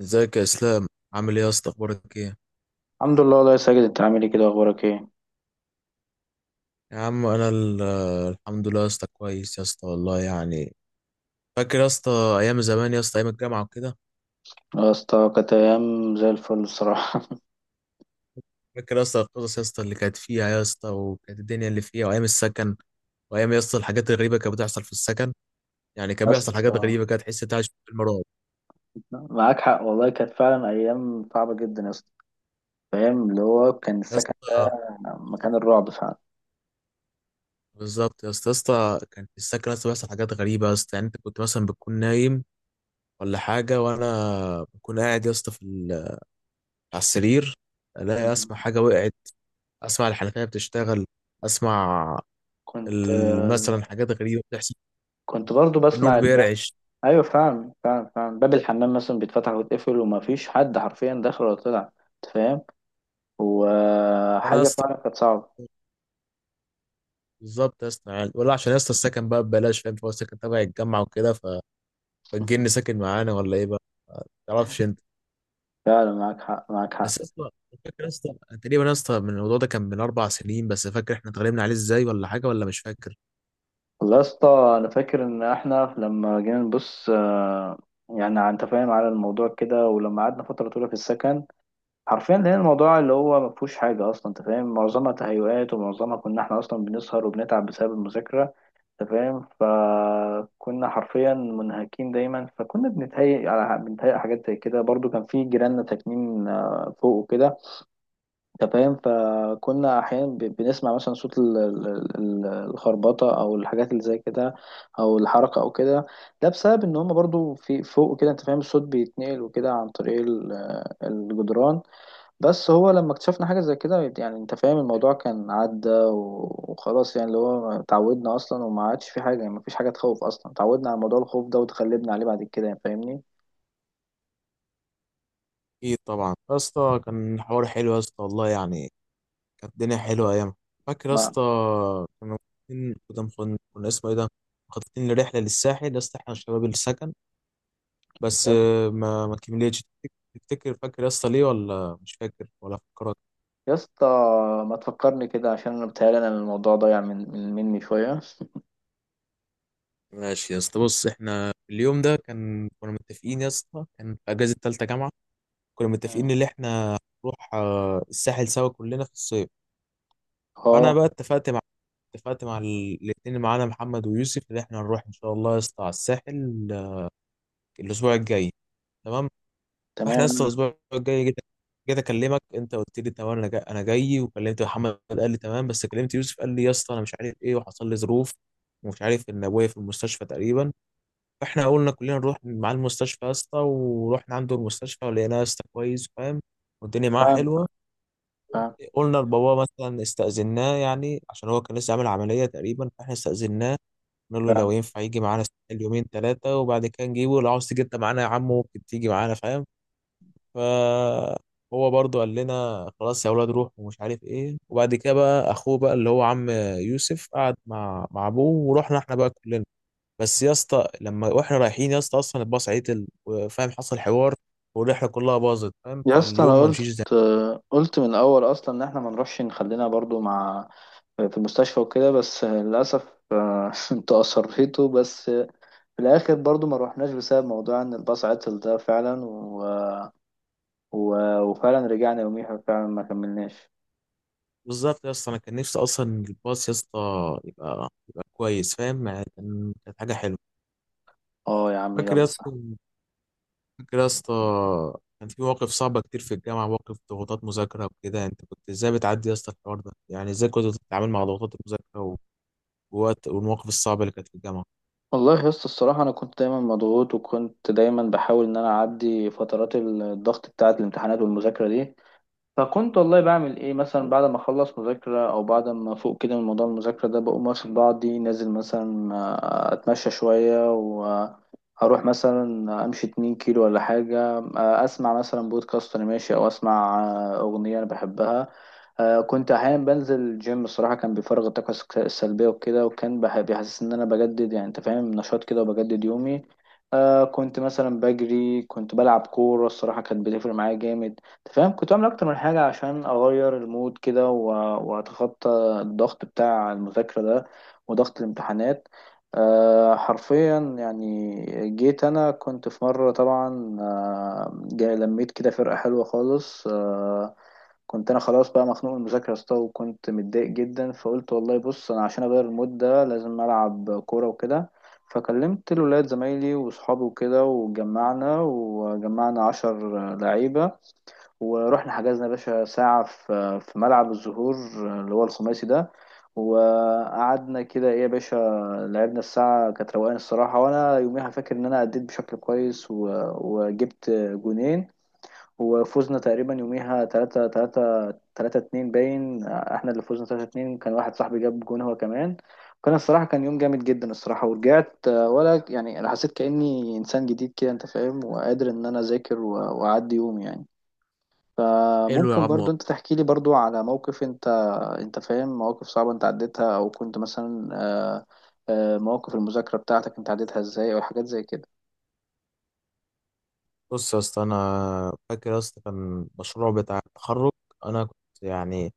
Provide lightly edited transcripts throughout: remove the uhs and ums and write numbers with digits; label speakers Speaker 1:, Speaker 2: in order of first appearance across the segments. Speaker 1: ازيك يا اسلام؟ عامل ايه يا اسطى؟ اخبارك ايه؟
Speaker 2: الحمد لله والله يا ساجد، انت عامل ايه كده؟ اخبارك ايه؟
Speaker 1: يا عم انا الحمد لله يا اسطى، كويس يا اسطى والله يعني. فاكر يا اسطى ايام زمان يا اسطى، ايام الجامعه وكده؟
Speaker 2: يا اسطى كانت ايام زي الفل الصراحه.
Speaker 1: فاكر يا اسطى القصص يا اسطى اللي كانت فيها يا اسطى، وكانت الدنيا اللي فيها وايام السكن، وايام يا اسطى الحاجات الغريبه كانت بتحصل في السكن. يعني كان
Speaker 2: يا
Speaker 1: بيحصل حاجات
Speaker 2: اسطى
Speaker 1: غريبه كانت تحس انت عايش في فيلم رعب.
Speaker 2: معاك حق والله، كانت فعلا ايام صعبه جدا يا اسطى. فاهم اللي هو كان
Speaker 1: يا
Speaker 2: السكن
Speaker 1: اسطى
Speaker 2: مكان الرعب فعلا.
Speaker 1: بالظبط يا اسطى كان في السكن يا اسطى بيحصل حاجات غريبه يا اسطى، يعني انت كنت مثلا بتكون نايم ولا حاجه، وانا بكون قاعد يا اسطى على السرير، الاقي
Speaker 2: مم.
Speaker 1: اسمع حاجه وقعت، اسمع الحنفيه بتشتغل، اسمع
Speaker 2: كنت
Speaker 1: مثلا حاجات غريبه بتحصل،
Speaker 2: كنت برضو بسمع
Speaker 1: النور
Speaker 2: الباب.
Speaker 1: بيرعش.
Speaker 2: ايوه فعلا فعلا فعلا، باب الحمام مثلا بيتفتح ويتقفل وما فيش حد حرفيا داخل ولا طلع، انت فاهم،
Speaker 1: انا يا
Speaker 2: وحاجه
Speaker 1: اسطى
Speaker 2: فعلا كانت صعبه.
Speaker 1: بالظبط يا اسطى، يعني ولا عشان يا اسطى السكن بقى ببلاش فاهم، فهو السكن تبع الجامعه وكده، فالجن ساكن معانا ولا ايه بقى؟ ما تعرفش انت.
Speaker 2: فعلا معاك حق معاك حق.
Speaker 1: بس يا اسطى، فاكر يا اسطى تقريبا يا اسطى من الموضوع ده، كان من 4 سنين بس، فاكر احنا اتغلبنا عليه ازاي ولا حاجه ولا مش فاكر؟
Speaker 2: والله يا اسطى انا فاكر ان احنا لما جينا نبص، يعني انت فاهم على الموضوع كده، ولما قعدنا فتره طويله في السكن حرفيا لقينا الموضوع اللي هو ما فيهوش حاجه اصلا. انت فاهم، معظمها تهيؤات، ومعظمها كنا احنا اصلا بنسهر وبنتعب بسبب المذاكره. انت فاهم، فكنا حرفيا منهكين دايما، فكنا بنتهيئ حاجات زي كده. برضو كان في جيراننا ساكنين فوق وكده، انت فاهم، فكنا احيانا بنسمع مثلا صوت الخربطه، او الحاجات اللي زي كده، او الحركه او كده. ده بسبب ان هم برضو في فوق كده، انت فاهم، الصوت بيتنقل وكده عن طريق الجدران. بس هو لما اكتشفنا حاجه زي كده، يعني انت فاهم الموضوع كان عدى وخلاص. يعني اللي هو اتعودنا اصلا وما عادش في حاجه، يعني ما فيش حاجه تخوف اصلا، اتعودنا على موضوع الخوف ده وتغلبنا عليه بعد كده يعني، فاهمني؟
Speaker 1: اكيد طبعا يا اسطى، كان حوار حلو يا اسطى والله يعني، كانت الدنيا حلوة أيام. فاكر يا
Speaker 2: ما
Speaker 1: اسطى كنا مخططين، كنا اسمه إيه ده، مخططين لرحلة للساحل يا اسطى، إحنا شباب السكن، بس ما كملتش. تفتكر فاكر يا اسطى ليه ولا مش فاكر ولا فكرك؟
Speaker 2: يا اسطى، ما تفكرني كده عشان انا بتهيألي انا الموضوع ضايع من من مني شويه.
Speaker 1: ماشي يا اسطى، بص، إحنا اليوم ده كنا متفقين يا اسطى، كان في أجازة تالتة جامعة، كنا
Speaker 2: مم.
Speaker 1: متفقين إن إحنا نروح الساحل سوا كلنا في الصيف. فأنا
Speaker 2: اه،
Speaker 1: بقى اتفقت مع الاتنين معانا، محمد ويوسف، إن إحنا نروح إن شاء الله يا اسطى على الساحل، الأسبوع الجاي، تمام. احنا
Speaker 2: تمام.
Speaker 1: لسه
Speaker 2: انا
Speaker 1: الاسبوع الجاي، جيت اكلمك، انت قلت لي تمام انا جاي انا جاي، وكلمت محمد قال لي تمام، بس كلمت يوسف قال لي يا اسطى انا مش عارف ايه، وحصل لي ظروف، ومش عارف، ان ابويا في المستشفى تقريبا. فاحنا قلنا كلنا نروح مع المستشفى يا اسطى، ورحنا عنده المستشفى، ولقيناه يا اسطى كويس فاهم، والدنيا معاه
Speaker 2: فاهم
Speaker 1: حلوه.
Speaker 2: فاهم
Speaker 1: قلنا لبابا مثلا، استأذناه يعني، عشان هو كان لسه عامل عمليه تقريبا، فاحنا استأذناه، قلنا له
Speaker 2: فاهم.
Speaker 1: لو ينفع يجي معانا اليومين ثلاثه، وبعد كده نجيبه، لو عاوز تيجي انت معانا يا عم، ممكن تيجي معانا فاهم. فهو برضو قال لنا خلاص يا اولاد روحوا ومش عارف ايه، وبعد كده بقى اخوه بقى، اللي هو عم يوسف، قعد مع ابوه، ورحنا احنا بقى كلنا. بس يا اسطى لما واحنا رايحين يا اسطى، اصلا الباص عطل وفاهم، حصل حوار، والرحله كلها باظت فاهم،
Speaker 2: يا اسطى انا
Speaker 1: فاليوم ما مشيش
Speaker 2: قلت
Speaker 1: زي.
Speaker 2: قلت من الاول اصلا ان احنا ما نروحش، نخلينا برضو مع في المستشفى وكده، بس للاسف، انت اصريتوا، بس في الاخر برضو ما روحناش بسبب موضوع ان الباص عطل ده فعلا، وفعلا رجعنا يوميها، فعلا ما كملناش.
Speaker 1: بالظبط يا اسطى، انا كان نفسي اصلا الباص يا اسطى يبقى كويس فاهم، يعني كانت حاجه حلوه.
Speaker 2: اه يا عم،
Speaker 1: فاكر يا
Speaker 2: يلا
Speaker 1: اسطى
Speaker 2: صح.
Speaker 1: فاكر يا اسطى كان في مواقف صعبة كتير في الجامعة، مواقف ضغوطات مذاكرة وكده، انت كنت ازاي بتعدي يا اسطى الحوار ده؟ يعني ازاي كنت بتتعامل مع ضغوطات المذاكرة ووقت والمواقف الصعبة اللي كانت في الجامعة؟
Speaker 2: والله يا اسطى الصراحة، أنا كنت دايما مضغوط وكنت دايما بحاول إن أنا أعدي فترات الضغط بتاعة الامتحانات والمذاكرة دي. فكنت والله بعمل ايه؟ مثلا بعد ما اخلص مذاكرة او بعد ما افوق كده من موضوع المذاكرة ده، بقوم واخد بعضي نازل، مثلا، اتمشى شوية واروح مثلا امشي 2 كيلو ولا حاجة، اسمع مثلا بودكاست وانا ماشي، او اسمع، اغنية انا بحبها. كنت احيانا بنزل الجيم، الصراحة كان بيفرغ الطاقة السلبية وكده، وكان بيحسس ان انا بجدد يعني، انت فاهم، نشاط كده، وبجدد يومي. كنت مثلا بجري، كنت بلعب كورة، الصراحة كانت بتفرق معايا جامد. أنت فاهم، كنت بعمل اكتر من حاجه عشان اغير المود كده واتخطى الضغط بتاع المذاكره ده، وضغط الامتحانات. حرفيا يعني، جيت انا كنت في مره طبعا، جاي لميت كده فرقه حلوه خالص. كنت انا خلاص بقى مخنوق من المذاكره يا اسطى، وكنت متضايق جدا، فقلت والله بص، انا عشان اغير المود ده لازم العب كوره وكده. فكلمت الولاد زمايلي وصحابي وكده، وجمعنا عشر لعيبه، ورحنا حجزنا يا باشا ساعة في ملعب الزهور، اللي هو الخماسي ده، وقعدنا كده ايه يا باشا، لعبنا. الساعة كانت روقان الصراحة، وانا يوميها فاكر ان انا أديت بشكل كويس، وجبت جونين، وفوزنا تقريبا يوميها تلاتة اتنين. باين احنا اللي فوزنا تلاتة اتنين، كان واحد صاحبي جاب جون هو كمان. كان الصراحة، كان يوم جامد جدا الصراحة، ورجعت، ولا يعني، أنا حسيت كأني إنسان جديد كده، أنت فاهم، وقادر إن أنا أذاكر وأعدي يومي يعني.
Speaker 1: حلو يا
Speaker 2: فممكن
Speaker 1: عم
Speaker 2: برضو انت
Speaker 1: والله.
Speaker 2: تحكي لي برضو على موقف، انت انت فاهم، مواقف صعبة انت عديتها، او كنت مثلا، مواقف المذاكرة بتاعتك انت عديتها ازاي، او حاجات زي كده.
Speaker 1: بص يا اسطى، انا فاكر يا اسطى كان مشروع بتاع التخرج، انا كنت يعني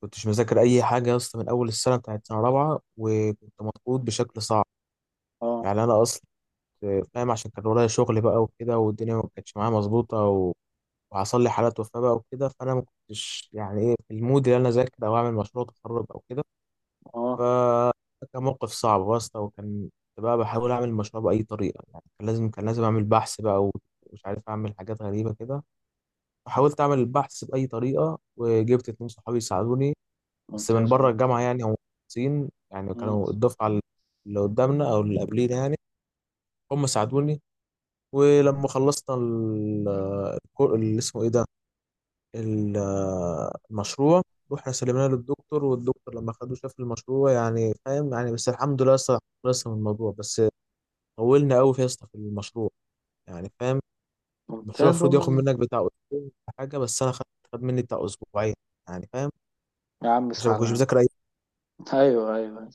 Speaker 1: كنتش مذاكر اي حاجة يا اسطى من اول السنة بتاعت سنة رابعة، وكنت مضغوط بشكل صعب،
Speaker 2: اه
Speaker 1: يعني انا اصلا كنت فاهم، عشان كان ورايا شغل بقى وكده، والدنيا ما كانتش معايا مظبوطة، وحصل لي حالات وفاة بقى وكده، فأنا ما كنتش يعني إيه في المود اللي أنا أذاكر أو أعمل مشروع تخرج أو كده.
Speaker 2: اه
Speaker 1: فكان موقف صعب واسطة، وكان كنت بقى بحاول أعمل المشروع بأي طريقة، يعني كان لازم أعمل بحث بقى، ومش عارف أعمل حاجات غريبة كده. فحاولت أعمل البحث بأي طريقة، وجبت اتنين صحابي يساعدوني، بس من
Speaker 2: ممتاز
Speaker 1: بره
Speaker 2: والله.
Speaker 1: الجامعة يعني، هم مهندسين يعني،
Speaker 2: مم،
Speaker 1: كانوا الدفعة اللي قدامنا أو اللي قبلينا يعني، هم ساعدوني. ولما خلصنا اللي اسمه إيه ده، المشروع، رحنا سلمناه للدكتور، والدكتور لما خدوه شاف المشروع يعني فاهم يعني، بس الحمد لله لسه خلصنا من الموضوع، بس طولنا قوي يا اسطى في المشروع، يعني فاهم. المشروع
Speaker 2: ممتاز
Speaker 1: المفروض ياخد
Speaker 2: والله.
Speaker 1: منك بتاع اسبوع ولا حاجه، بس انا خدت خد مني بتاع اسبوعين، يعني فاهم،
Speaker 2: يا عم
Speaker 1: عشان ما كنتش
Speaker 2: سلام.
Speaker 1: بذاكر اي.
Speaker 2: ايوه ايوه.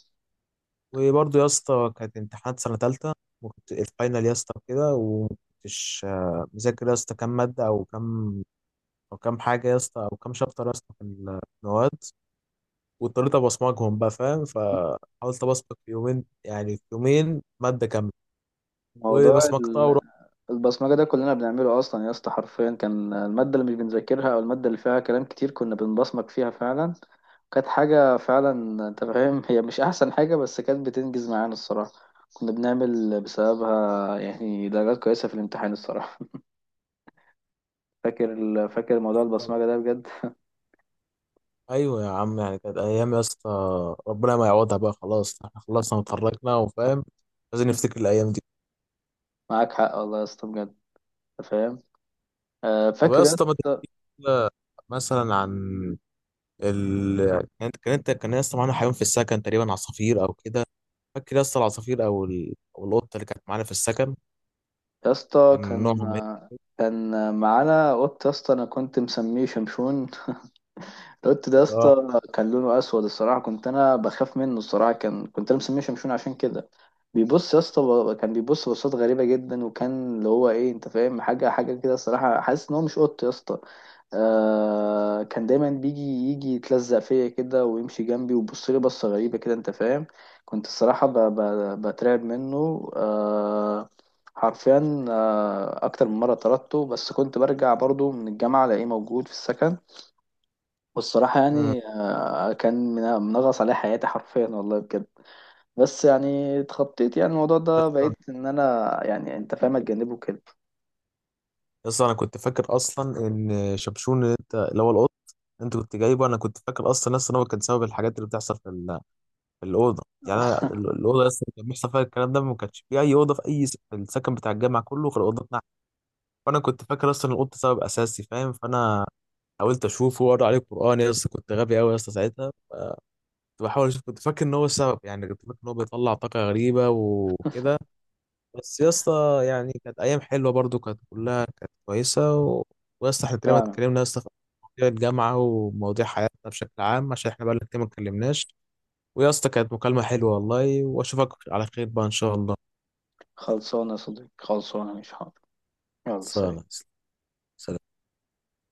Speaker 1: وبرضه يا اسطى كانت امتحانات سنه ثالثه، وكنت الفاينل يا اسطى كده، ومكنتش مذاكر يا اسطى كام ماده، او كام حاجه يا اسطى، او كام شابتر يا اسطى في المواد. واضطريت ابقى اسمجهم بقى فاهم، فحاولت ابصمج في يومين، يعني في يومين ماده كامله،
Speaker 2: موضوع
Speaker 1: وبصمجتها ورحت.
Speaker 2: البصمجة ده كلنا بنعمله أصلا يا اسطى، حرفيا كان المادة اللي مش بنذاكرها، أو المادة اللي فيها كلام كتير كنا بنبصمج فيها فعلا. كانت حاجة فعلا، أنت فاهم، هي مش أحسن حاجة، بس كانت بتنجز معانا الصراحة. كنا بنعمل بسببها يعني درجات كويسة في الامتحان الصراحة. فاكر فاكر موضوع
Speaker 1: طبعا.
Speaker 2: البصمجة ده بجد.
Speaker 1: ايوه يا عم، يعني كانت ايام يا اسطى ربنا ما يعوضها بقى، خلاص احنا خلصنا وتخرجنا وفاهم، لازم نفتكر الايام دي.
Speaker 2: معاك حق والله يا اسطى بجد. أنت فاهم.
Speaker 1: طب يا
Speaker 2: فاكر يا
Speaker 1: اسطى ما
Speaker 2: اسطى.
Speaker 1: تحكي لنا مثلا عن ال كان كان انت كان يا اسطى معانا حيوان في السكن تقريبا، عصافير او كده. فاكر يا اسطى العصافير او او القطه اللي كانت معانا في السكن؟
Speaker 2: يا اسطى
Speaker 1: كان
Speaker 2: كان
Speaker 1: نوعهم ايه؟
Speaker 2: كان معانا قط يا اسطى، انا كنت مسميه شمشون. القط ده يا اسطى كان لونه اسود الصراحه، كنت انا بخاف منه الصراحه، كنت انا مسميه شمشون عشان كده. بيبص يا اسطى، كان بيبص بصات غريبه جدا، وكان اللي هو ايه، انت فاهم، حاجه حاجه كده الصراحه، حاسس ان هو مش قط يا اسطى. آه، كان دايما يجي يتلزق فيا كده، ويمشي جنبي، ويبص لي بصه غريبه كده، انت فاهم. كنت الصراحه بترعب منه. حرفيا، اكتر من مره طردته، بس كنت برجع برضو من الجامعه الاقيه موجود في السكن. والصراحة يعني، كان منغص عليه حياتي حرفيا والله بجد. بس يعني اتخطيت يعني الموضوع ده،
Speaker 1: مم.
Speaker 2: بقيت ان انا يعني، انت فاهم، اتجنبه كده.
Speaker 1: اصلا انا كنت فاكر اصلا ان شبشون، اللي هو القط انت كنت جايبه، انا كنت فاكر اصلا هو كان سبب الحاجات اللي بتحصل في الاوضه، يعني الاوضه اصلا كان بيحصل فيها الكلام ده، ما كانش في اي اوضه في في السكن بتاع الجامعه كله غير اوضه نحت. فانا كنت فاكر اصلا القط سبب اساسي فاهم، فانا حاولت اشوفه واقرا عليه القران يا اسطى، كنت غبي قوي يا اسطى ساعتها، كنت بحاول اشوف، كنت فاكر ان هو السبب، يعني كنت فاكر ان هو بيطلع طاقه غريبه وكده. بس يا اسطى يعني كانت ايام حلوه برضو، كانت كلها كانت كويسه. ويا اسطى احنا تقريبا
Speaker 2: فعلا.
Speaker 1: اتكلمنا يا اسطى في مواضيع الجامعه ومواضيع حياتنا بشكل عام، عشان احنا بقالنا كتير ما اتكلمناش. ويا اسطى كانت مكالمه حلوه والله، واشوفك على خير بقى ان شاء الله.
Speaker 2: خلصانة يا صديقي، خلصانة مش حاضر. يلا سلام.
Speaker 1: خلصانة. سلام.